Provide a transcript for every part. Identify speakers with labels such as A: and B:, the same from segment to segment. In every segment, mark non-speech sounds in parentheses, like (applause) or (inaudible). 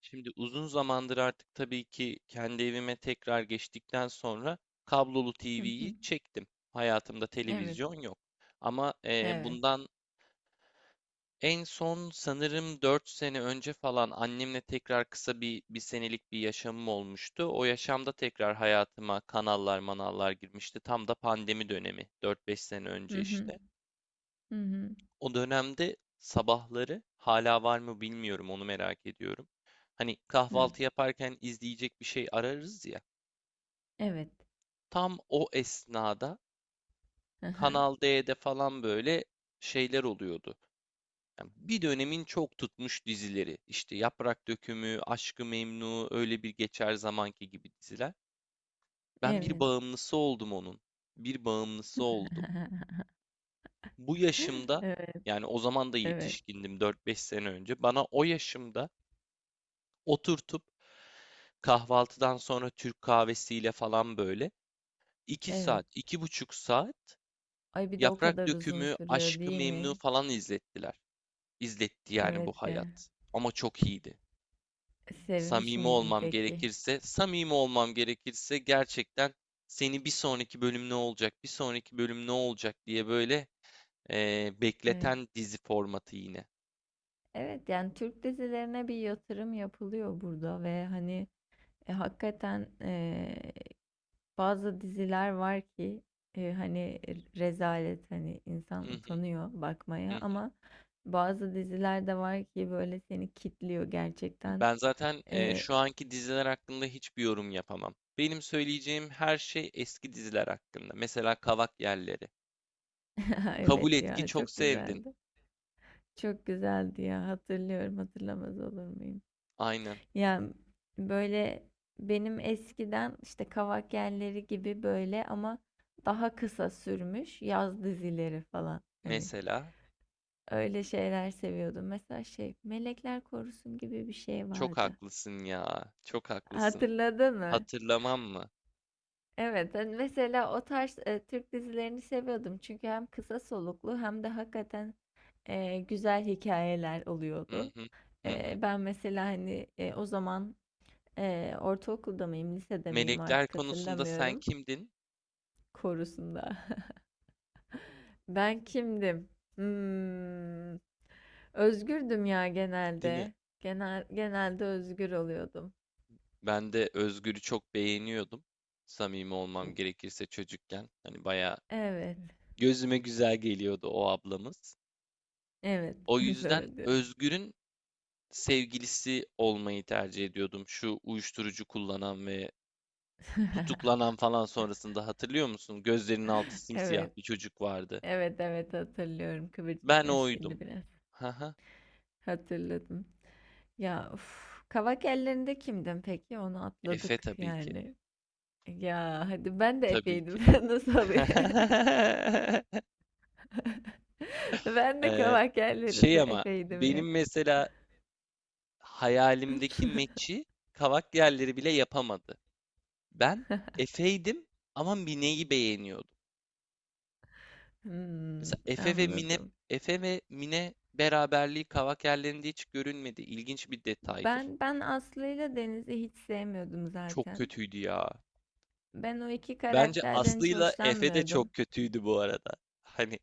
A: Şimdi uzun zamandır artık tabii ki kendi evime tekrar geçtikten sonra kablolu
B: Hı
A: TV'yi
B: hı.
A: çektim. Hayatımda
B: Evet.
A: televizyon yok. Ama
B: Evet.
A: bundan en son sanırım 4 sene önce falan annemle tekrar kısa bir senelik bir yaşamım olmuştu. O yaşamda tekrar hayatıma kanallar manallar girmişti. Tam da pandemi dönemi 4-5 sene
B: Hı
A: önce
B: hı.
A: işte.
B: Hı hı.
A: O dönemde sabahları hala var mı bilmiyorum onu merak ediyorum. Hani
B: Hı.
A: kahvaltı yaparken izleyecek bir şey ararız ya.
B: Evet.
A: Tam o esnada
B: Hı hı.
A: Kanal D'de falan böyle şeyler oluyordu. Yani bir dönemin çok tutmuş dizileri. İşte Yaprak Dökümü, Aşk-ı Memnu, öyle bir geçer zamanki gibi diziler. Ben bir
B: Evet.
A: bağımlısı oldum onun. Bir bağımlısı oldum.
B: (laughs)
A: Bu yaşımda
B: Evet,
A: yani o zaman da
B: evet,
A: yetişkindim 4-5 sene önce. Bana o yaşımda oturtup kahvaltıdan sonra Türk kahvesiyle falan böyle iki
B: evet.
A: saat, 2,5 saat
B: Ay bir de o
A: Yaprak
B: kadar uzun
A: Dökümü,
B: sürüyor
A: Aşkı
B: değil
A: Memnu
B: mi?
A: falan izlettiler. İzletti yani bu
B: Evet de.
A: hayat. Ama çok iyiydi.
B: Sevmiş
A: Samimi
B: miydim
A: olmam
B: peki?
A: gerekirse, samimi olmam gerekirse gerçekten seni bir sonraki bölüm ne olacak, bir sonraki bölüm ne olacak diye böyle
B: Evet.
A: bekleten dizi formatı yine.
B: Evet yani Türk dizilerine bir yatırım yapılıyor burada ve hani, hakikaten bazı diziler var ki, hani, rezalet hani
A: Hı
B: insan
A: hı
B: utanıyor bakmaya
A: hı.
B: ama bazı diziler de var ki böyle seni kitliyor gerçekten.
A: Ben zaten
B: E,
A: şu anki diziler hakkında hiçbir yorum yapamam. Benim söyleyeceğim her şey eski diziler hakkında. Mesela Kavak Yerleri.
B: (laughs)
A: Kabul
B: evet
A: et ki
B: ya
A: çok
B: çok
A: sevdim.
B: güzeldi. Çok güzeldi ya, hatırlıyorum, hatırlamaz olur muyum?
A: Aynen.
B: Yani böyle benim eskiden işte Kavak Yelleri gibi, böyle ama daha kısa sürmüş yaz dizileri falan hani.
A: Mesela.
B: Öyle şeyler seviyordum. Mesela şey, Melekler Korusun gibi bir şey
A: Çok
B: vardı.
A: haklısın ya. Çok haklısın.
B: Hatırladın mı?
A: Hatırlamam mı?
B: Evet, ben mesela o tarz Türk dizilerini seviyordum. Çünkü hem kısa soluklu hem de hakikaten güzel hikayeler
A: Hı
B: oluyordu.
A: hı. Hı hı.
B: Ben mesela hani, o zaman ortaokulda mıyım, lisede miyim
A: Melekler
B: artık
A: konusunda sen
B: hatırlamıyorum.
A: kimdin?
B: Korusunda. (laughs) Ben kimdim? Hmm, Özgürdüm ya
A: Değil mi?
B: genelde. Genelde özgür oluyordum.
A: Ben de Özgür'ü çok beğeniyordum. Samimi olmam gerekirse çocukken. Hani bayağı
B: Evet,
A: gözüme güzel geliyordu o ablamız.
B: evet.
A: O
B: (laughs)
A: yüzden
B: Doğru diyorsun.
A: Özgür'ün sevgilisi olmayı tercih ediyordum. Şu uyuşturucu kullanan ve
B: (laughs)
A: tutuklanan falan sonrasında hatırlıyor musun? Gözlerinin altı simsiyah
B: Evet,
A: bir çocuk vardı.
B: evet, evet hatırlıyorum. Kıvırcık
A: Ben
B: saçlıydı
A: oydum.
B: biraz.
A: Haha.
B: Hatırladım. Ya uf, Kavak ellerinde kimdim peki? Onu
A: Efe
B: atladık
A: tabii ki.
B: yani. Ya hadi, ben de
A: Tabii ki.
B: Efe'ydim. (laughs) Ben nasıl oluyor? (laughs)
A: (laughs)
B: Ben de
A: Ee,
B: Kavak
A: şey
B: ellerinde
A: ama
B: Efe'ydim ya.
A: benim mesela hayalimdeki meçi kavak yerleri bile yapamadı. Ben Efe'ydim ama Mine'yi beğeniyordum.
B: Hmm,
A: Mesela
B: Anladım.
A: Efe ve Mine beraberliği Kavakerlerinde hiç görünmedi. İlginç bir detaydır.
B: Ben Aslı ile Deniz'i hiç sevmiyordum
A: Çok
B: zaten.
A: kötüydü ya.
B: Ben o iki
A: Bence
B: karakterden hiç
A: Aslı'yla Efe de
B: hoşlanmıyordum.
A: çok kötüydü bu arada. Hani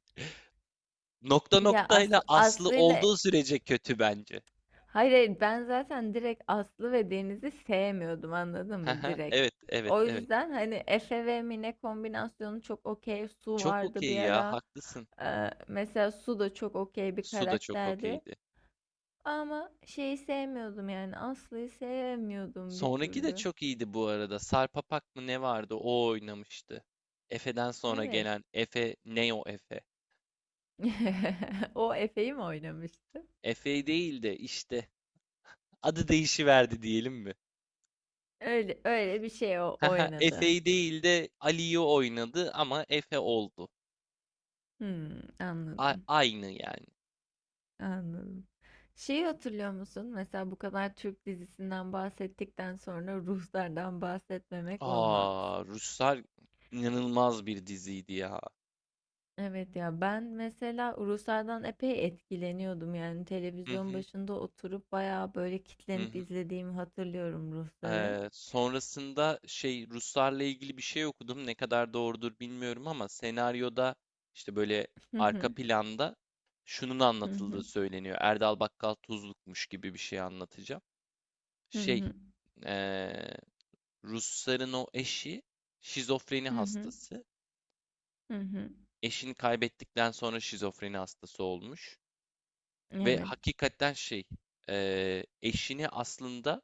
A: nokta
B: Ya As
A: noktayla Aslı
B: Aslı'yla
A: olduğu sürece kötü bence.
B: Hayır, hayır, ben zaten direkt Aslı ve Deniz'i sevmiyordum, anladın mı?
A: Haha,
B: Direkt.
A: evet, evet,
B: O
A: evet.
B: yüzden hani Efe ve Mine kombinasyonu çok okey. Su
A: Çok
B: vardı bir
A: okey ya,
B: ara.
A: haklısın.
B: Mesela Su da çok okey bir
A: Su da çok
B: karakterdi.
A: okeydi.
B: Ama şeyi sevmiyordum, yani Aslı'yı sevmiyordum bir
A: Sonraki de
B: türlü.
A: çok iyiydi bu arada. Sarpapak mı ne vardı? O oynamıştı. Efe'den sonra
B: Evet.
A: gelen Efe, Neo Efe.
B: (laughs) O Efe'yi mi oynamıştı?
A: Efe değil de işte adı değişiverdi diyelim mi? (laughs)
B: Öyle, öyle bir şey o
A: Haha,
B: oynadı.
A: Efe'yi değil de Ali'yi oynadı ama Efe oldu.
B: Hmm, Anladım.
A: Aynı yani.
B: Anladım. Şeyi hatırlıyor musun? Mesela bu kadar Türk dizisinden bahsettikten sonra Ruhsar'dan bahsetmemek olmaz.
A: Aa, Ruslar inanılmaz bir diziydi ya.
B: Evet ya, ben mesela Ruhsar'dan epey etkileniyordum, yani
A: Hı
B: televizyon
A: hı,
B: başında oturup bayağı böyle
A: hı
B: kitlenip
A: hı.
B: izlediğimi hatırlıyorum Ruhsar'ı.
A: Sonrasında şey Ruslarla ilgili bir şey okudum. Ne kadar doğrudur bilmiyorum ama senaryoda işte böyle
B: Hı
A: arka
B: hı,
A: planda şunun
B: hı
A: anlatıldığı
B: hı,
A: söyleniyor. Erdal Bakkal Tuzluk'muş gibi bir şey anlatacağım.
B: hı
A: Şey,
B: hı,
A: ee, Rusların o eşi şizofreni
B: hı hı,
A: hastası.
B: hı.
A: Eşini kaybettikten sonra şizofreni hastası olmuş. Ve
B: Evet.
A: hakikaten şey, eşini aslında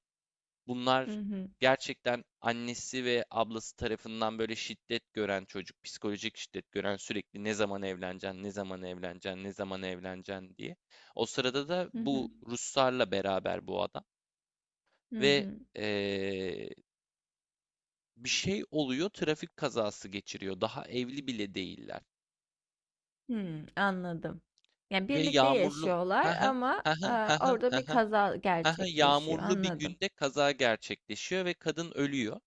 B: Hı
A: bunlar
B: hı,
A: gerçekten annesi ve ablası tarafından böyle şiddet gören çocuk, psikolojik şiddet gören sürekli ne zaman evleneceksin, ne zaman evleneceksin, ne zaman evleneceksin diye. O sırada da
B: hı
A: bu
B: hı,
A: Ruslarla beraber bu adam
B: hı
A: ve
B: hı.
A: eee, bir şey oluyor, trafik kazası geçiriyor. Daha evli bile değiller.
B: Anladım. Yani,
A: Ve
B: birlikte
A: yağmurlu ha
B: yaşıyorlar
A: ha
B: ama,
A: ha ha ha
B: orada
A: ha
B: bir kaza gerçekleşiyor.
A: yağmurlu bir
B: Anladım.
A: günde kaza gerçekleşiyor ve kadın ölüyor.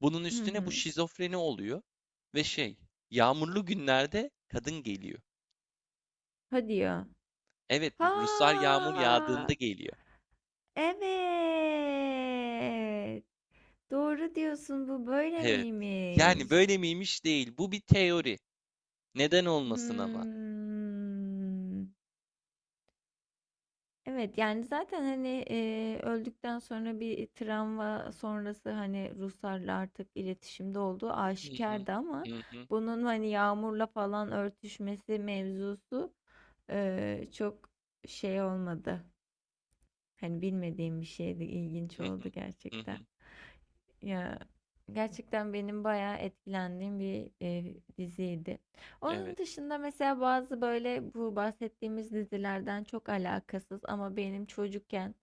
A: Bunun
B: Hı
A: üstüne bu
B: hı.
A: şizofreni oluyor ve şey yağmurlu günlerde kadın geliyor.
B: Hadi ya.
A: Evet, Ruslar yağmur yağdığında
B: Ha!
A: geliyor.
B: Evet, doğru diyorsun. Bu böyle
A: Evet. Yani
B: miymiş?
A: böyle miymiş değil. Bu bir teori. Neden olmasın ama?
B: Hımm. Evet yani zaten hani, öldükten sonra bir travma sonrası hani Ruslarla artık iletişimde olduğu
A: Hı hı,
B: aşikardı ama
A: hı hı,
B: bunun hani Yağmur'la falan örtüşmesi mevzusu çok şey olmadı. Hani bilmediğim bir şeydi, ilginç
A: hı hı,
B: oldu
A: hı hı.
B: gerçekten. Ya gerçekten benim bayağı etkilendiğim bir diziydi. Onun
A: Evet.
B: dışında mesela bazı böyle bu bahsettiğimiz dizilerden çok alakasız ama benim çocukken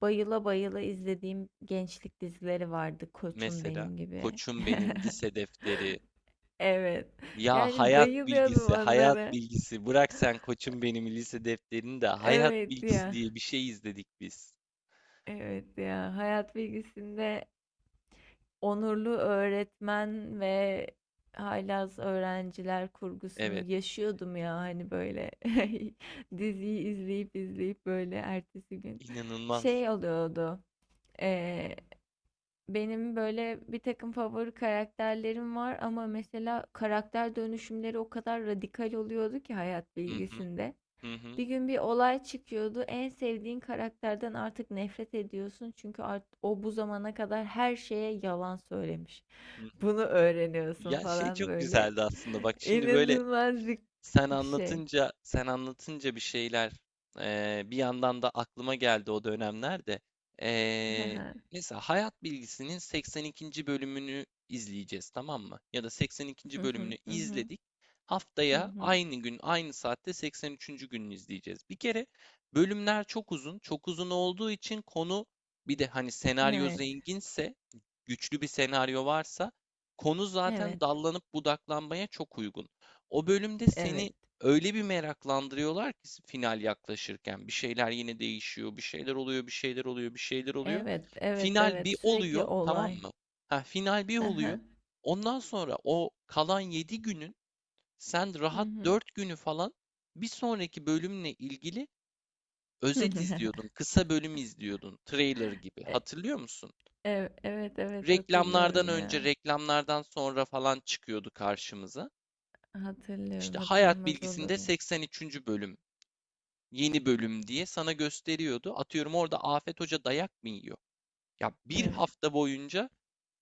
B: bayıla bayıla izlediğim gençlik dizileri vardı. Koçum
A: Mesela
B: benim gibi.
A: Koçum
B: (laughs)
A: Benim Lise Defteri.
B: Evet.
A: Ya
B: Yani
A: hayat
B: bayılıyordum
A: bilgisi, hayat
B: onlara.
A: bilgisi. Bırak sen koçum benim lise defterini de hayat
B: Evet
A: bilgisi
B: ya.
A: diye bir şey izledik biz.
B: Evet ya. Hayat bilgisinde onurlu öğretmen ve haylaz öğrenciler kurgusunu
A: Evet,
B: yaşıyordum ya hani, böyle (laughs) diziyi izleyip izleyip böyle ertesi gün
A: inanılmaz.
B: şey oluyordu. eee, benim böyle bir takım favori karakterlerim var ama mesela karakter dönüşümleri o kadar radikal oluyordu ki hayat
A: Hı hı,
B: bilgisinde.
A: hı hı,
B: Bir gün bir olay çıkıyordu. En sevdiğin karakterden artık nefret ediyorsun. Çünkü o bu zamana kadar her şeye yalan söylemiş,
A: hı hı.
B: bunu öğreniyorsun
A: Ya şey
B: falan
A: çok
B: böyle.
A: güzeldi aslında. Bak
B: (laughs)
A: şimdi böyle.
B: İnanılmaz bir
A: Sen
B: şey.
A: anlatınca, sen anlatınca bir şeyler bir yandan da aklıma geldi o dönemlerde. Eee,
B: (laughs)
A: mesela Hayat Bilgisi'nin 82. bölümünü izleyeceğiz, tamam mı? Ya da
B: Hı
A: 82. bölümünü
B: hı, hı hı,
A: izledik.
B: hı
A: Haftaya
B: hı.
A: aynı gün, aynı saatte 83. gününü izleyeceğiz. Bir kere bölümler çok uzun, çok uzun olduğu için konu bir de hani senaryo
B: Evet,
A: zenginse, güçlü bir senaryo varsa konu zaten
B: evet,
A: dallanıp budaklanmaya çok uygun. O bölümde
B: evet,
A: seni öyle bir meraklandırıyorlar ki final yaklaşırken bir şeyler yine değişiyor, bir şeyler oluyor, bir şeyler oluyor, bir şeyler oluyor.
B: evet, evet,
A: Final
B: evet.
A: bir
B: Sürekli
A: oluyor, tamam
B: olay.
A: mı? Ha, final bir
B: Hı
A: oluyor.
B: hı,
A: Ondan sonra o kalan 7 günün sen
B: hı
A: rahat
B: hı.
A: 4 günü falan bir sonraki bölümle ilgili özet
B: (laughs)
A: izliyordun, kısa bölüm izliyordun, trailer gibi.
B: E-
A: Hatırlıyor musun?
B: Evet, evet
A: Reklamlardan
B: hatırlıyorum
A: önce,
B: ya.
A: reklamlardan sonra falan çıkıyordu karşımıza.
B: Hatırlıyorum,
A: İşte hayat
B: hatırlamaz olur
A: bilgisinde
B: mu?
A: 83. bölüm yeni bölüm diye sana gösteriyordu. Atıyorum orada Afet Hoca dayak mı yiyor? Ya bir
B: Evet.
A: hafta boyunca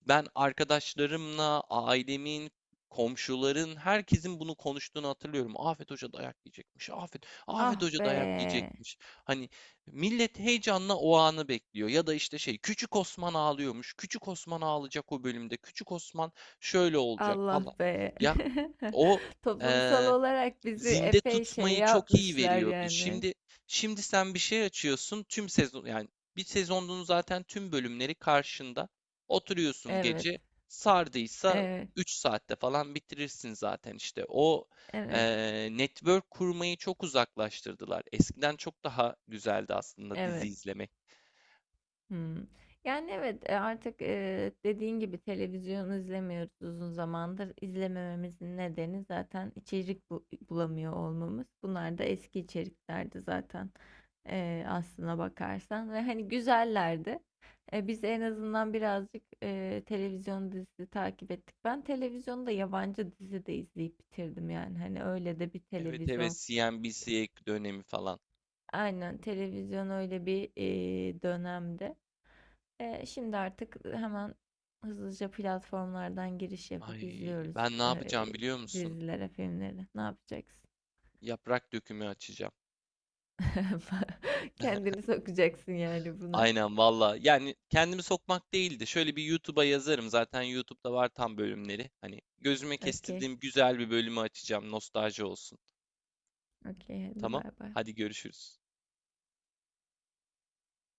A: ben arkadaşlarımla, ailemin, komşuların, herkesin bunu konuştuğunu hatırlıyorum. Afet Hoca dayak yiyecekmiş. Afet
B: Ah
A: Hoca dayak
B: be.
A: yiyecekmiş. Hani millet heyecanla o anı bekliyor. Ya da işte şey, Küçük Osman ağlıyormuş. Küçük Osman ağlayacak o bölümde. Küçük Osman şöyle olacak
B: Allah
A: falan.
B: be.
A: Ya
B: (laughs)
A: o e,
B: Toplumsal olarak bizi
A: zinde
B: epey şey
A: tutmayı çok iyi
B: yapmışlar
A: veriyordu.
B: yani.
A: Şimdi sen bir şey açıyorsun tüm sezon yani bir sezonun zaten tüm bölümleri karşında. Oturuyorsun
B: Evet.
A: gece sardıysa
B: Evet,
A: 3 saatte falan bitirirsin zaten işte. O
B: evet,
A: network kurmayı çok uzaklaştırdılar. Eskiden çok daha güzeldi aslında dizi
B: evet.
A: izlemek.
B: Hmm. Yani evet, artık dediğin gibi televizyon izlemiyoruz uzun zamandır. İzlemememizin nedeni zaten içerik bulamıyor olmamız. Bunlar da eski içeriklerdi zaten, aslına bakarsan. Ve hani güzellerdi. Biz en azından birazcık televizyon dizisi takip ettik. Ben televizyonda yabancı dizi de izleyip bitirdim yani. Hani öyle de bir
A: Evet evet
B: televizyon.
A: CNBC dönemi falan.
B: Aynen, televizyon öyle bir dönemde. Şimdi artık hemen hızlıca platformlardan giriş yapıp
A: Ay
B: izliyoruz
A: ben ne
B: ee,
A: yapacağım biliyor musun?
B: dizilere, filmleri. Ne yapacaksın?
A: Yaprak dökümü açacağım.
B: (laughs) Kendini sokacaksın yani buna.
A: Aynen valla. Yani kendimi sokmak değildi. Şöyle bir YouTube'a yazarım. Zaten YouTube'da var tam bölümleri. Hani gözüme
B: Okey,
A: kestirdiğim güzel bir bölümü açacağım. Nostalji olsun.
B: okey. Hadi
A: Tamam.
B: bay bay.
A: Hadi görüşürüz.